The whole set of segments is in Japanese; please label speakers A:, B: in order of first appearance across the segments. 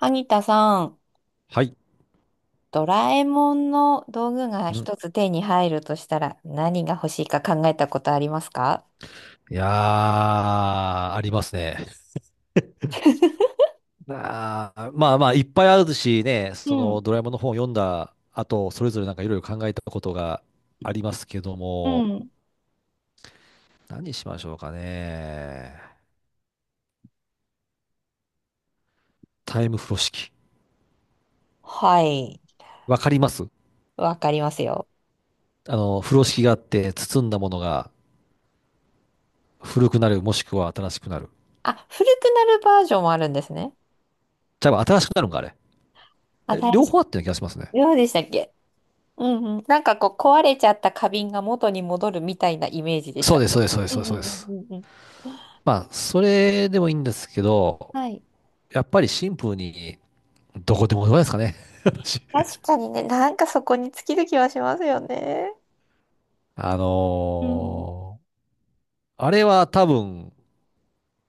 A: 萩田さん、
B: はい。
A: ドラえもんの道具が
B: うん。
A: 一つ手に入るとしたら何が欲しいか考えたことありますか？
B: いやー、ありますね。あーまあまあ、いっぱいあるしね、
A: う
B: その
A: ん、
B: ドラえもんの本を読んだ後、それぞれなんかいろいろ考えたことがありますけど
A: う
B: も、
A: ん。
B: 何にしましょうかね。タイム風呂敷。
A: はい、
B: わかります。
A: わかりますよ。
B: あの、風呂敷があって、包んだものが古くなる、もしくは新しくなる。
A: あ、古くなるバージョンもあるんですね。
B: じゃあ、新しくなるんか、あれ。
A: 新
B: 両
A: しい。
B: 方あったような気がしますね。
A: どうでしたっけ？うんうん。なんかこう壊れちゃった花瓶が元に戻るみたいなイメージでし
B: そうで
A: た。
B: す、そうです、そうです、
A: う
B: そう
A: んう
B: です。そうで
A: ん
B: す。
A: うんうんうん。
B: まあ、それでもいいんですけど、
A: はい。
B: やっぱりシンプルに、どこでもどこですかね。私。
A: 確かにね、なんかそこに尽きる気はしますよね。
B: あ
A: うん。
B: のーあれは多分、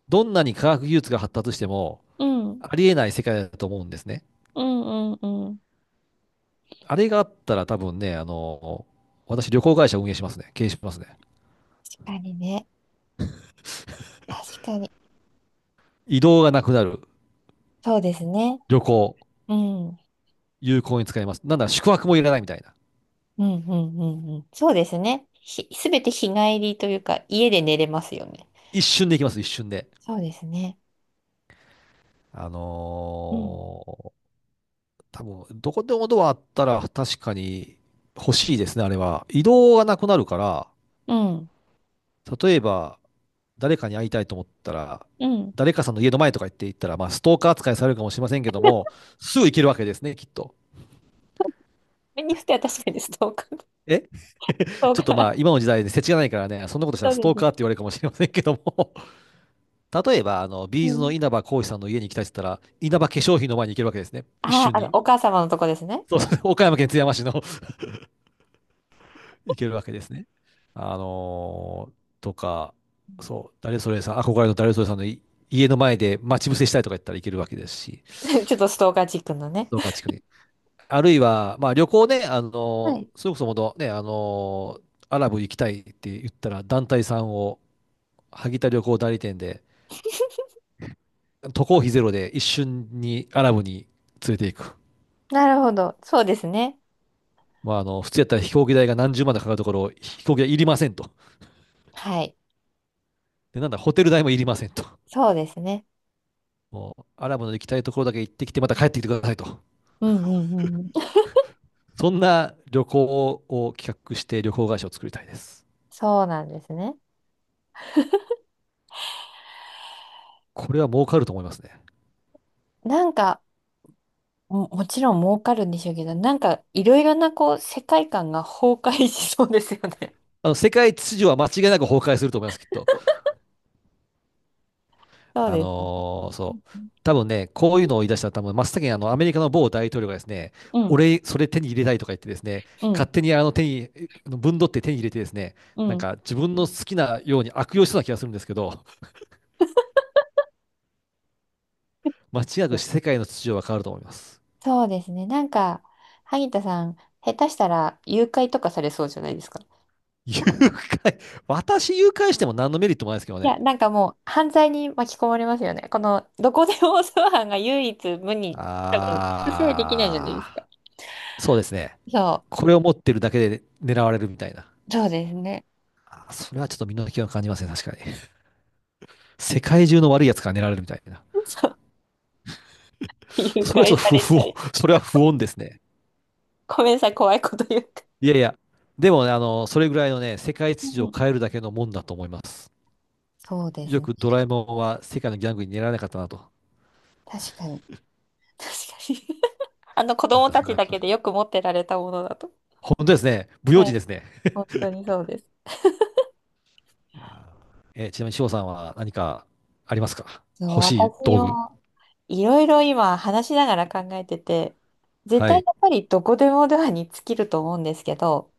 B: どんなに科学技術が発達しても、
A: うん、
B: ありえない世界だと思うんですね。
A: うんうんうん。
B: あれがあったら多分ね、私旅行会社運営しますね。経営しますね。
A: 確かにね。確かに。
B: 移動がなくなる。
A: そうですね。
B: 旅行。
A: うん。うん、
B: 有効に使えます。なんだ、宿泊もいらないみたいな。
A: うん、うんうん。そうですね。ひ、すべて日帰りというか、家で寝れますよね。
B: 一瞬で行きます、一瞬で。
A: そうですね。
B: あ
A: うん。
B: のー多分、どこでもドアあったら確かに欲しいですね、あれは。移動がなくなるから、
A: うん。
B: 例えば、誰かに会いたいと思ったら、
A: うん。
B: 誰かさんの家の前とか行って行ったら、まあ、ストーカー扱いされるかもしれませんけども、すぐ行けるわけですね、きっと。
A: 目にしては確かにストーカー。ス
B: え
A: トー
B: ちょっと
A: カ
B: まあ、
A: ー。
B: 今の時代で世知がないからね、そんなことした
A: そ
B: ら
A: う
B: ス
A: で
B: トーカーって
A: す。
B: 言われるかもしれませんけども、例えば、あの、
A: う
B: ビーズの
A: ん。
B: 稲葉浩志さんの家に行きたいって言ったら、稲葉化粧品の前に行けるわけですね、一
A: あ
B: 瞬
A: あ、
B: に。
A: お母様のとこですね。
B: そうそう、岡山県津山市の 行けるわけですね。とか、
A: うん
B: そう、誰それさん、憧れの誰それさんの家の前で待ち伏せしたいとか言ったら行けるわけですし、
A: ちょっとストーカーチックの
B: ス
A: ね。
B: トーカー地区に。あるいは、まあ、旅行ね、あ
A: は
B: の、
A: い。
B: それこそもとね、あの、アラブ行きたいって言ったら、団体さんを、萩田旅行代理店で、渡航費ゼロで一瞬にアラブに連れて行く。
A: なるほど。そうですね。
B: まあ、あの、普通やったら飛行機代が何十万とかかるところを、飛行機代いりませんと。
A: はい。
B: で、なんだ、ホテル代もいりませんと。
A: そうですね。
B: もう、アラブの行きたいところだけ行ってきて、また帰ってきてくださいと。
A: うんうんうんうん。
B: そんな旅行を企画して旅行会社を作りたいです。
A: そうなんですね。
B: これは儲かると思いますね。
A: なんか、も、もちろん儲かるんでしょうけど、なんかいろいろなこう世界観が崩壊しそうですよね。
B: あの、世界秩序は間違いなく崩壊すると思います、きっと。
A: そうですね。
B: そう。多分ね、こういうのを言い出したら多分真っ先にあのアメリカの某大統領がですね、
A: うん、
B: 俺、それ手に入れたいとか言ってですね、
A: うん、
B: 勝手にあの手に、あのぶ分取って手に入れてですね、
A: う
B: なん
A: ん。
B: か自分の好きなように悪用しそうな気がするんですけど、間違いなく世界の秩序は変わると思います。
A: そうですね。なんか、萩田さん、下手したら誘拐とかされそうじゃないですか？
B: 誘拐、私誘拐しても何のメリットもないですけど
A: い
B: ね。
A: や、なんかもう犯罪に巻き込まれますよね。この、どこでも通販が唯一無二。救済できないじゃないですか。
B: あー、そうですね。
A: そ
B: これを持ってるだけで狙われるみたいな。
A: う、そうですね。
B: あー、それはちょっと身の危険を感じますね、確かに。世界中の悪いやつから狙われるみたいな。
A: そう、誘
B: それは
A: 拐
B: ちょっと
A: されち
B: 不
A: ゃ
B: 穏、
A: い。
B: それは不穏ですね。
A: ごめんなさい、怖いこと言って。
B: いやいや、でもね、あの、それぐらいのね、世界
A: う
B: 秩序を
A: ん、
B: 変えるだけのもんだと思います。
A: そうです
B: よ
A: ね。
B: くドラえもんは世界のギャングに狙われなかったなと。
A: 確かに。確かに。あの子
B: なん
A: 供
B: か
A: た
B: そん
A: ち
B: な
A: だ
B: 気が
A: け
B: しま
A: で
B: す。
A: よく持ってられたものだと。
B: 本当ですね。不用
A: はい、
B: 心ですね。
A: 本当にそうです。
B: いやー、ちなみに翔さんは何かありますか、
A: そう、
B: 欲しい
A: 私
B: 道具。
A: もいろいろ今話しながら考えてて、絶
B: は
A: 対
B: い。
A: やっぱりどこでもドアに尽きると思うんですけど、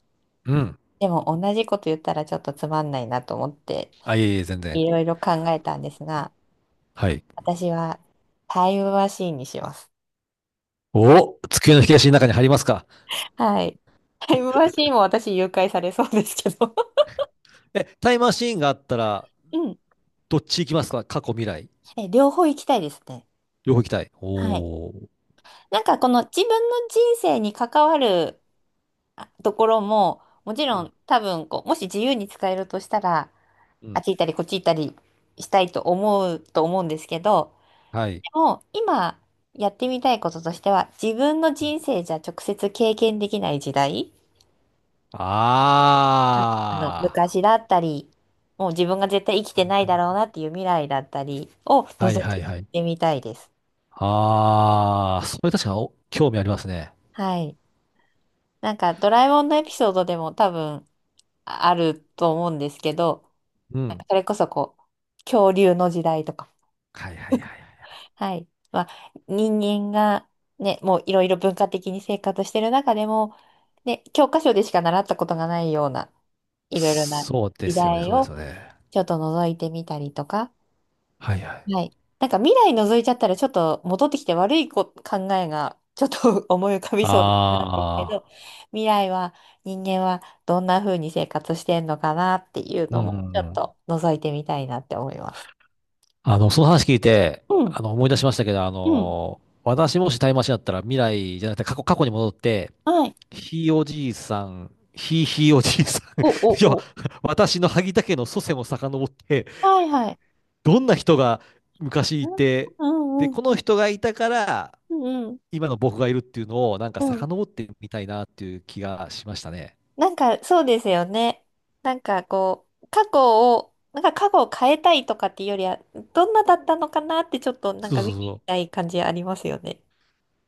B: うん。
A: でも同じこと言ったらちょっとつまんないなと思って、
B: あ、いえいえ、全然。
A: いろいろ考えたんですが、
B: はい。
A: 私はタイムマシーンにします。
B: お、机の引き出しの中に入りますか。
A: はい。タイムマシーンも私誘拐されそうですけど。
B: え、タイムマシーンがあったら、
A: うん。
B: どっち行きますか、過去、未来。
A: え、両方行きたいですね。
B: 両方行きたい。
A: はい。
B: おー。
A: なんかこの自分の人生に関わるところも、もち
B: う
A: ろん
B: ん。
A: 多分こう、もし自由に使えるとしたら、
B: う
A: あっ
B: ん。
A: ち行ったりこっち行ったりしたいと思うと思うんですけど、
B: はい。
A: でも今やってみたいこととしては、自分の人生じゃ直接経験できない時代、うん、あの
B: あ
A: 昔だったり、もう自分が絶対生きてないだろうなっていう未来だったりを
B: あ。は
A: 覗
B: いはい
A: い
B: はい。
A: てみたいです。
B: ああ、それ確かにお興味ありますね。
A: はい。なんかドラえもんのエピソードでも多分あると思うんですけど、
B: う
A: なん
B: ん。
A: かそれこそこう、恐竜の時代とか。
B: はいはいはいはい。
A: はい。まあ、人間がね、もういろいろ文化的に生活してる中でも、ね、教科書でしか習ったことがないような、いろいろな
B: そうで
A: 時
B: すよね、
A: 代
B: そうです
A: を
B: よね。
A: ちょっと覗いてみたりとか。
B: はいはい。
A: はい。なんか未来覗いちゃったらちょっと戻ってきて悪いこ考えがちょっと 思い浮かびそうなんですけ
B: ああ、
A: ど、未来は人間はどんな風に生活してんのかなっていう
B: う
A: のも
B: ん
A: ち
B: う
A: ょ
B: ん
A: っ
B: うん。
A: と覗いてみたいなって思います。
B: あの、その話聞いて、
A: うん。
B: あの、思い出しましたけど、あ
A: うん。
B: の、私もしタイムマシンだったら未来じゃなくて過去に戻って、
A: はい。
B: ひいおじいさん、ひいひいおじいさん、
A: お、お、
B: 要は、
A: お。
B: 私の萩田家の祖先を遡って、
A: はいはい。
B: どんな人が昔
A: う
B: い
A: ん
B: て、で、
A: うん
B: こ
A: う
B: の
A: ん。
B: 人がいたから、
A: うんうん。
B: 今の僕がいるっていうのを、なんか
A: うん。
B: 遡ってみたいなっていう気がしましたね。
A: なんかそうですよね。なんかこう、過去を、なんか過去を変えたいとかっていうよりは、どんなだったのかなってちょっとなん
B: そう
A: か見
B: そう
A: に行き
B: そ
A: たい感じありますよね。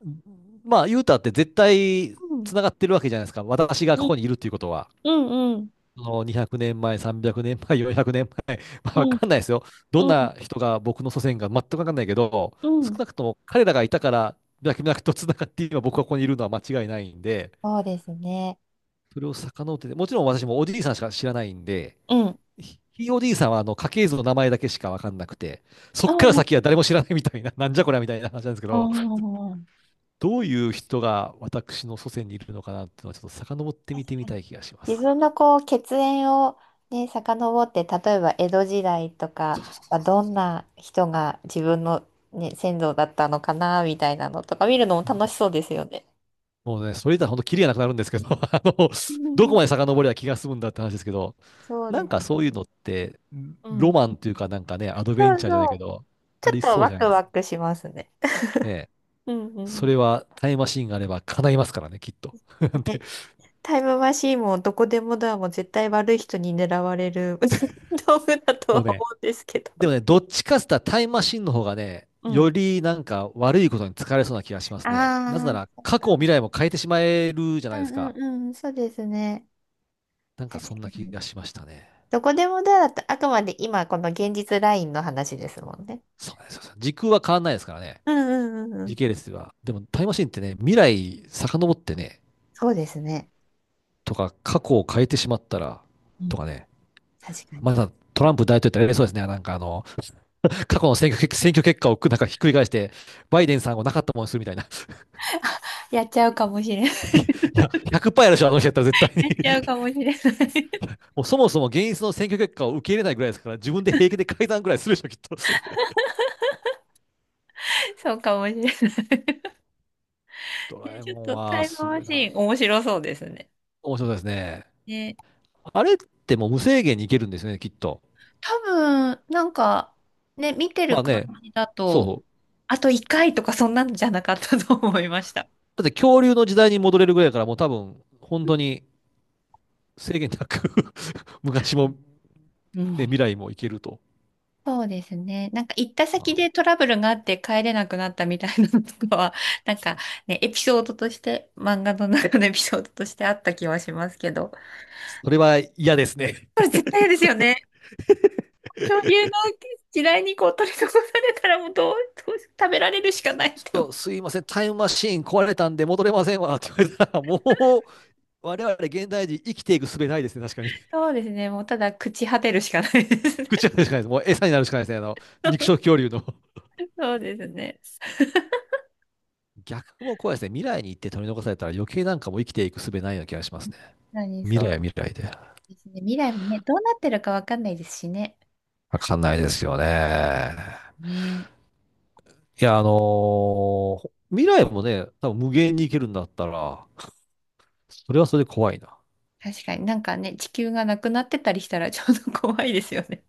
B: う。まあ、ユータって絶対
A: うん。
B: つながってるわけじゃないですか。私が
A: う
B: こ
A: ん
B: こにいるっていうことは。
A: うんうん。
B: その200年前、300年前、400年前、ま
A: う
B: あ、わ
A: ん
B: かんないですよ。どん
A: うん
B: な人が僕の祖先が全くわかんないけど、
A: う
B: 少
A: ん。
B: なくとも彼らがいたから、脈々とつながって今僕がここにいるのは間違いないんで、
A: そうですね。
B: それを遡ってて、もちろん私もおじいさんしか知らないんで、
A: うん。
B: ひ o いおじいさんはあの家系図の名前だけしか分かんなくて、そ
A: う
B: っから
A: んう
B: 先
A: ん
B: は誰も知らないみたいな、なんじゃこりゃみたいな話なんですけ
A: う
B: ど、
A: んうんうん。
B: どういう人が私の祖先にいるのかなっていうのは、ちょっと遡って
A: 確
B: 見てみ
A: か
B: た
A: に
B: い気がしま
A: 自
B: す。
A: 分のこう血縁をね、遡って、例えば江戸時代とかはどんな人が自分の、ね、先祖だったのかな、みたいなのとか見るのも
B: そう。
A: 楽しそうですよね。
B: もうね、それ言ったら本当、キリがなくなるんですけど、あの、
A: うん
B: ど
A: う
B: こ
A: ん、
B: まで遡りゃ気が済むんだって話ですけど、
A: そう
B: なん
A: で
B: か
A: す。
B: そういうのって、
A: う
B: ロ
A: ん。
B: マンというか、なんかね、アドベン
A: そう
B: チャーじゃない
A: そ
B: け
A: う。
B: ど、
A: ち
B: あ
A: ょっ
B: り
A: と
B: そう
A: ワ
B: じゃな
A: ク
B: いです
A: ワ
B: か。
A: クしますね。
B: ね。
A: うんう
B: そ
A: ん。
B: れはタイムマシーンがあれば叶いますからね、きっと。なんて、
A: ね。タイムマシーンもどこでもドアも絶対悪い人に狙われる 道具だと
B: もう
A: は
B: ね、
A: 思うんですけど。
B: でもね、どっちかっつったらタイムマシンの方がね、
A: う
B: よ
A: ん。
B: りなんか悪いことに疲れそうな気がしますね。なぜな
A: ああ、
B: ら
A: そっ
B: 過去も
A: か。
B: 未来も変えてしまえるじゃな
A: う
B: い
A: ん
B: です
A: う
B: か。
A: んうん、そうですね。
B: なんか
A: 確
B: そ
A: か
B: んな気
A: に。
B: がしましたね。
A: どこでもドアだと、あくまで今この現実ラインの話ですもんね。
B: そうなんですよ。時空は変わんないですからね。
A: うんうんうんうん。
B: 時系列は。でもタイムマシンってね、未来遡ってね、
A: そうですね。
B: とか過去を変えてしまったら、
A: う
B: と
A: ん、
B: かね。
A: 確かに。
B: まだトランプ大統領ってあれそうですね。なんかあの、過去の選挙結果をなんかひっくり返して、バイデンさんをなかったものにするみたいな。
A: やっちゃうかもしれん。や
B: いや、100%やるでしょ、あの人やったら絶対
A: っちゃ
B: に
A: うか もしれない。
B: もうそもそも現実の選挙結果を受け入れないぐらいですから、自分で平気で改ざんぐらいするでしょ、きっと。
A: そうかもしれない。
B: ドラえ
A: ちょっ
B: もん
A: とタ
B: は
A: イム
B: すご
A: マ
B: い
A: シ
B: な。
A: ーン面白そうですね。
B: 面白いですね。
A: ね、
B: あれってもう無制限にいけるんですよね、きっと。
A: 多分、なんか、ね、見て
B: ま
A: る
B: あ
A: 感
B: ね、
A: じだと、
B: そ
A: あと1回とかそんなんじゃなかったと思いました。
B: う。だって恐竜の時代に戻れるぐらいだから、もう多分、本当に制限なく 昔も、
A: う
B: ね、
A: ん。
B: 未来もいけると。
A: そうですね。なんか行った
B: ま
A: 先
B: あ、
A: でトラブルがあって帰れなくなったみたいなのとかは、なんかね、エピソードとして、漫画の中のエピソードとしてあった気はしますけど。
B: それは嫌ですね。
A: これ絶対嫌ですよね。恐竜の時代にこう取り残されたらもうどう、どう食べられるしかないっ
B: ち
A: て
B: ょっ
A: 思う。
B: とすいません、タイムマシーン壊れたんで戻れませんわって言われたら、もう我々現代人生きていく術ないですね、確かに。
A: そうですね。もうただ朽ち果てるしかないですね。
B: 口が出るしかないです。もう餌になるしかないですね。あの、肉食恐竜の。
A: そうですね。
B: 逆も怖いですね。未来に行って取り残されたら余計なんかもう生きていく術ないような気がしますね。
A: 何、
B: 未来は
A: そ
B: 未来で。
A: うですね。未来もね、どうなってるかわかんないですしね。
B: わかんないですよね。
A: ね
B: いや、未来もね、多分無限に行けるんだったら、それはそれで怖いな。
A: え。確かになんかね、地球がなくなってたりしたらちょうど怖いですよね。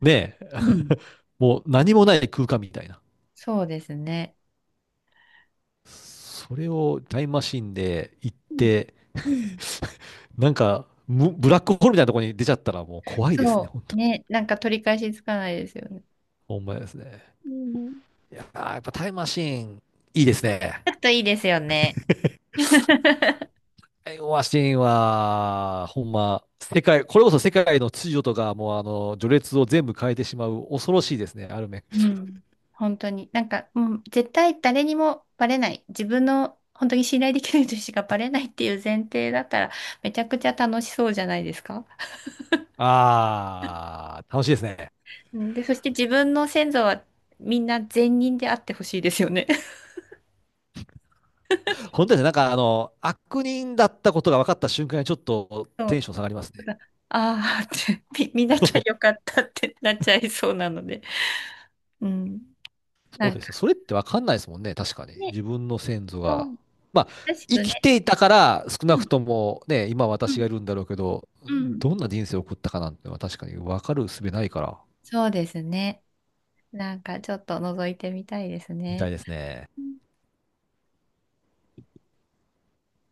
B: ねえ、
A: うん、
B: もう何もない空間みたいな。
A: そうですね。
B: それをタイムマシンで行っ
A: うん。
B: て、
A: うん。
B: なんか、ブラックホールみたいなところに出ちゃったらもう怖いですね、
A: そ
B: 本
A: う。
B: 当。
A: ね。なんか取り返しつかないですよね。
B: ほんまですね。
A: うん。
B: あー、やっぱタイムマシーン、いいですね。
A: ちょっといいですよね。
B: タイムマシーンは、ほんま、世界、これこそ世界の秩序とか、もうあの、序列を全部変えてしまう、恐ろしいですね、ある面。
A: うん。本当に。なんか、うん、絶対誰にもバレない。自分の本当に信頼できる人しかバレないっていう前提だったら、めちゃくちゃ楽しそうじゃないですか。
B: あー、楽しいですね。
A: うんで、そして自分の先祖はみんな善人であってほしいですよね。
B: 本当ですね、なんかあの、悪人だったことが分かった瞬間にちょっと
A: そ
B: テ
A: う。
B: ンション下がりますね。
A: ああーって、み見な
B: そ
A: きゃよ
B: う。
A: かったってなっちゃいそうなので。うん。
B: そう
A: なん
B: で
A: か
B: すよ。それってわかんないですもんね。確かに。
A: ね、
B: 自分の先祖
A: そ
B: が。
A: う、
B: まあ、
A: らし
B: 生
A: くね。
B: きていたから、少
A: う
B: なく
A: ん
B: ともね、今
A: う
B: 私
A: ん
B: がいるんだろうけど、
A: うん。
B: どんな人生を送ったかなんてのは確かにわかる術ないから。
A: そうですね。なんかちょっと覗いてみたいです
B: みた
A: ね。
B: いですね。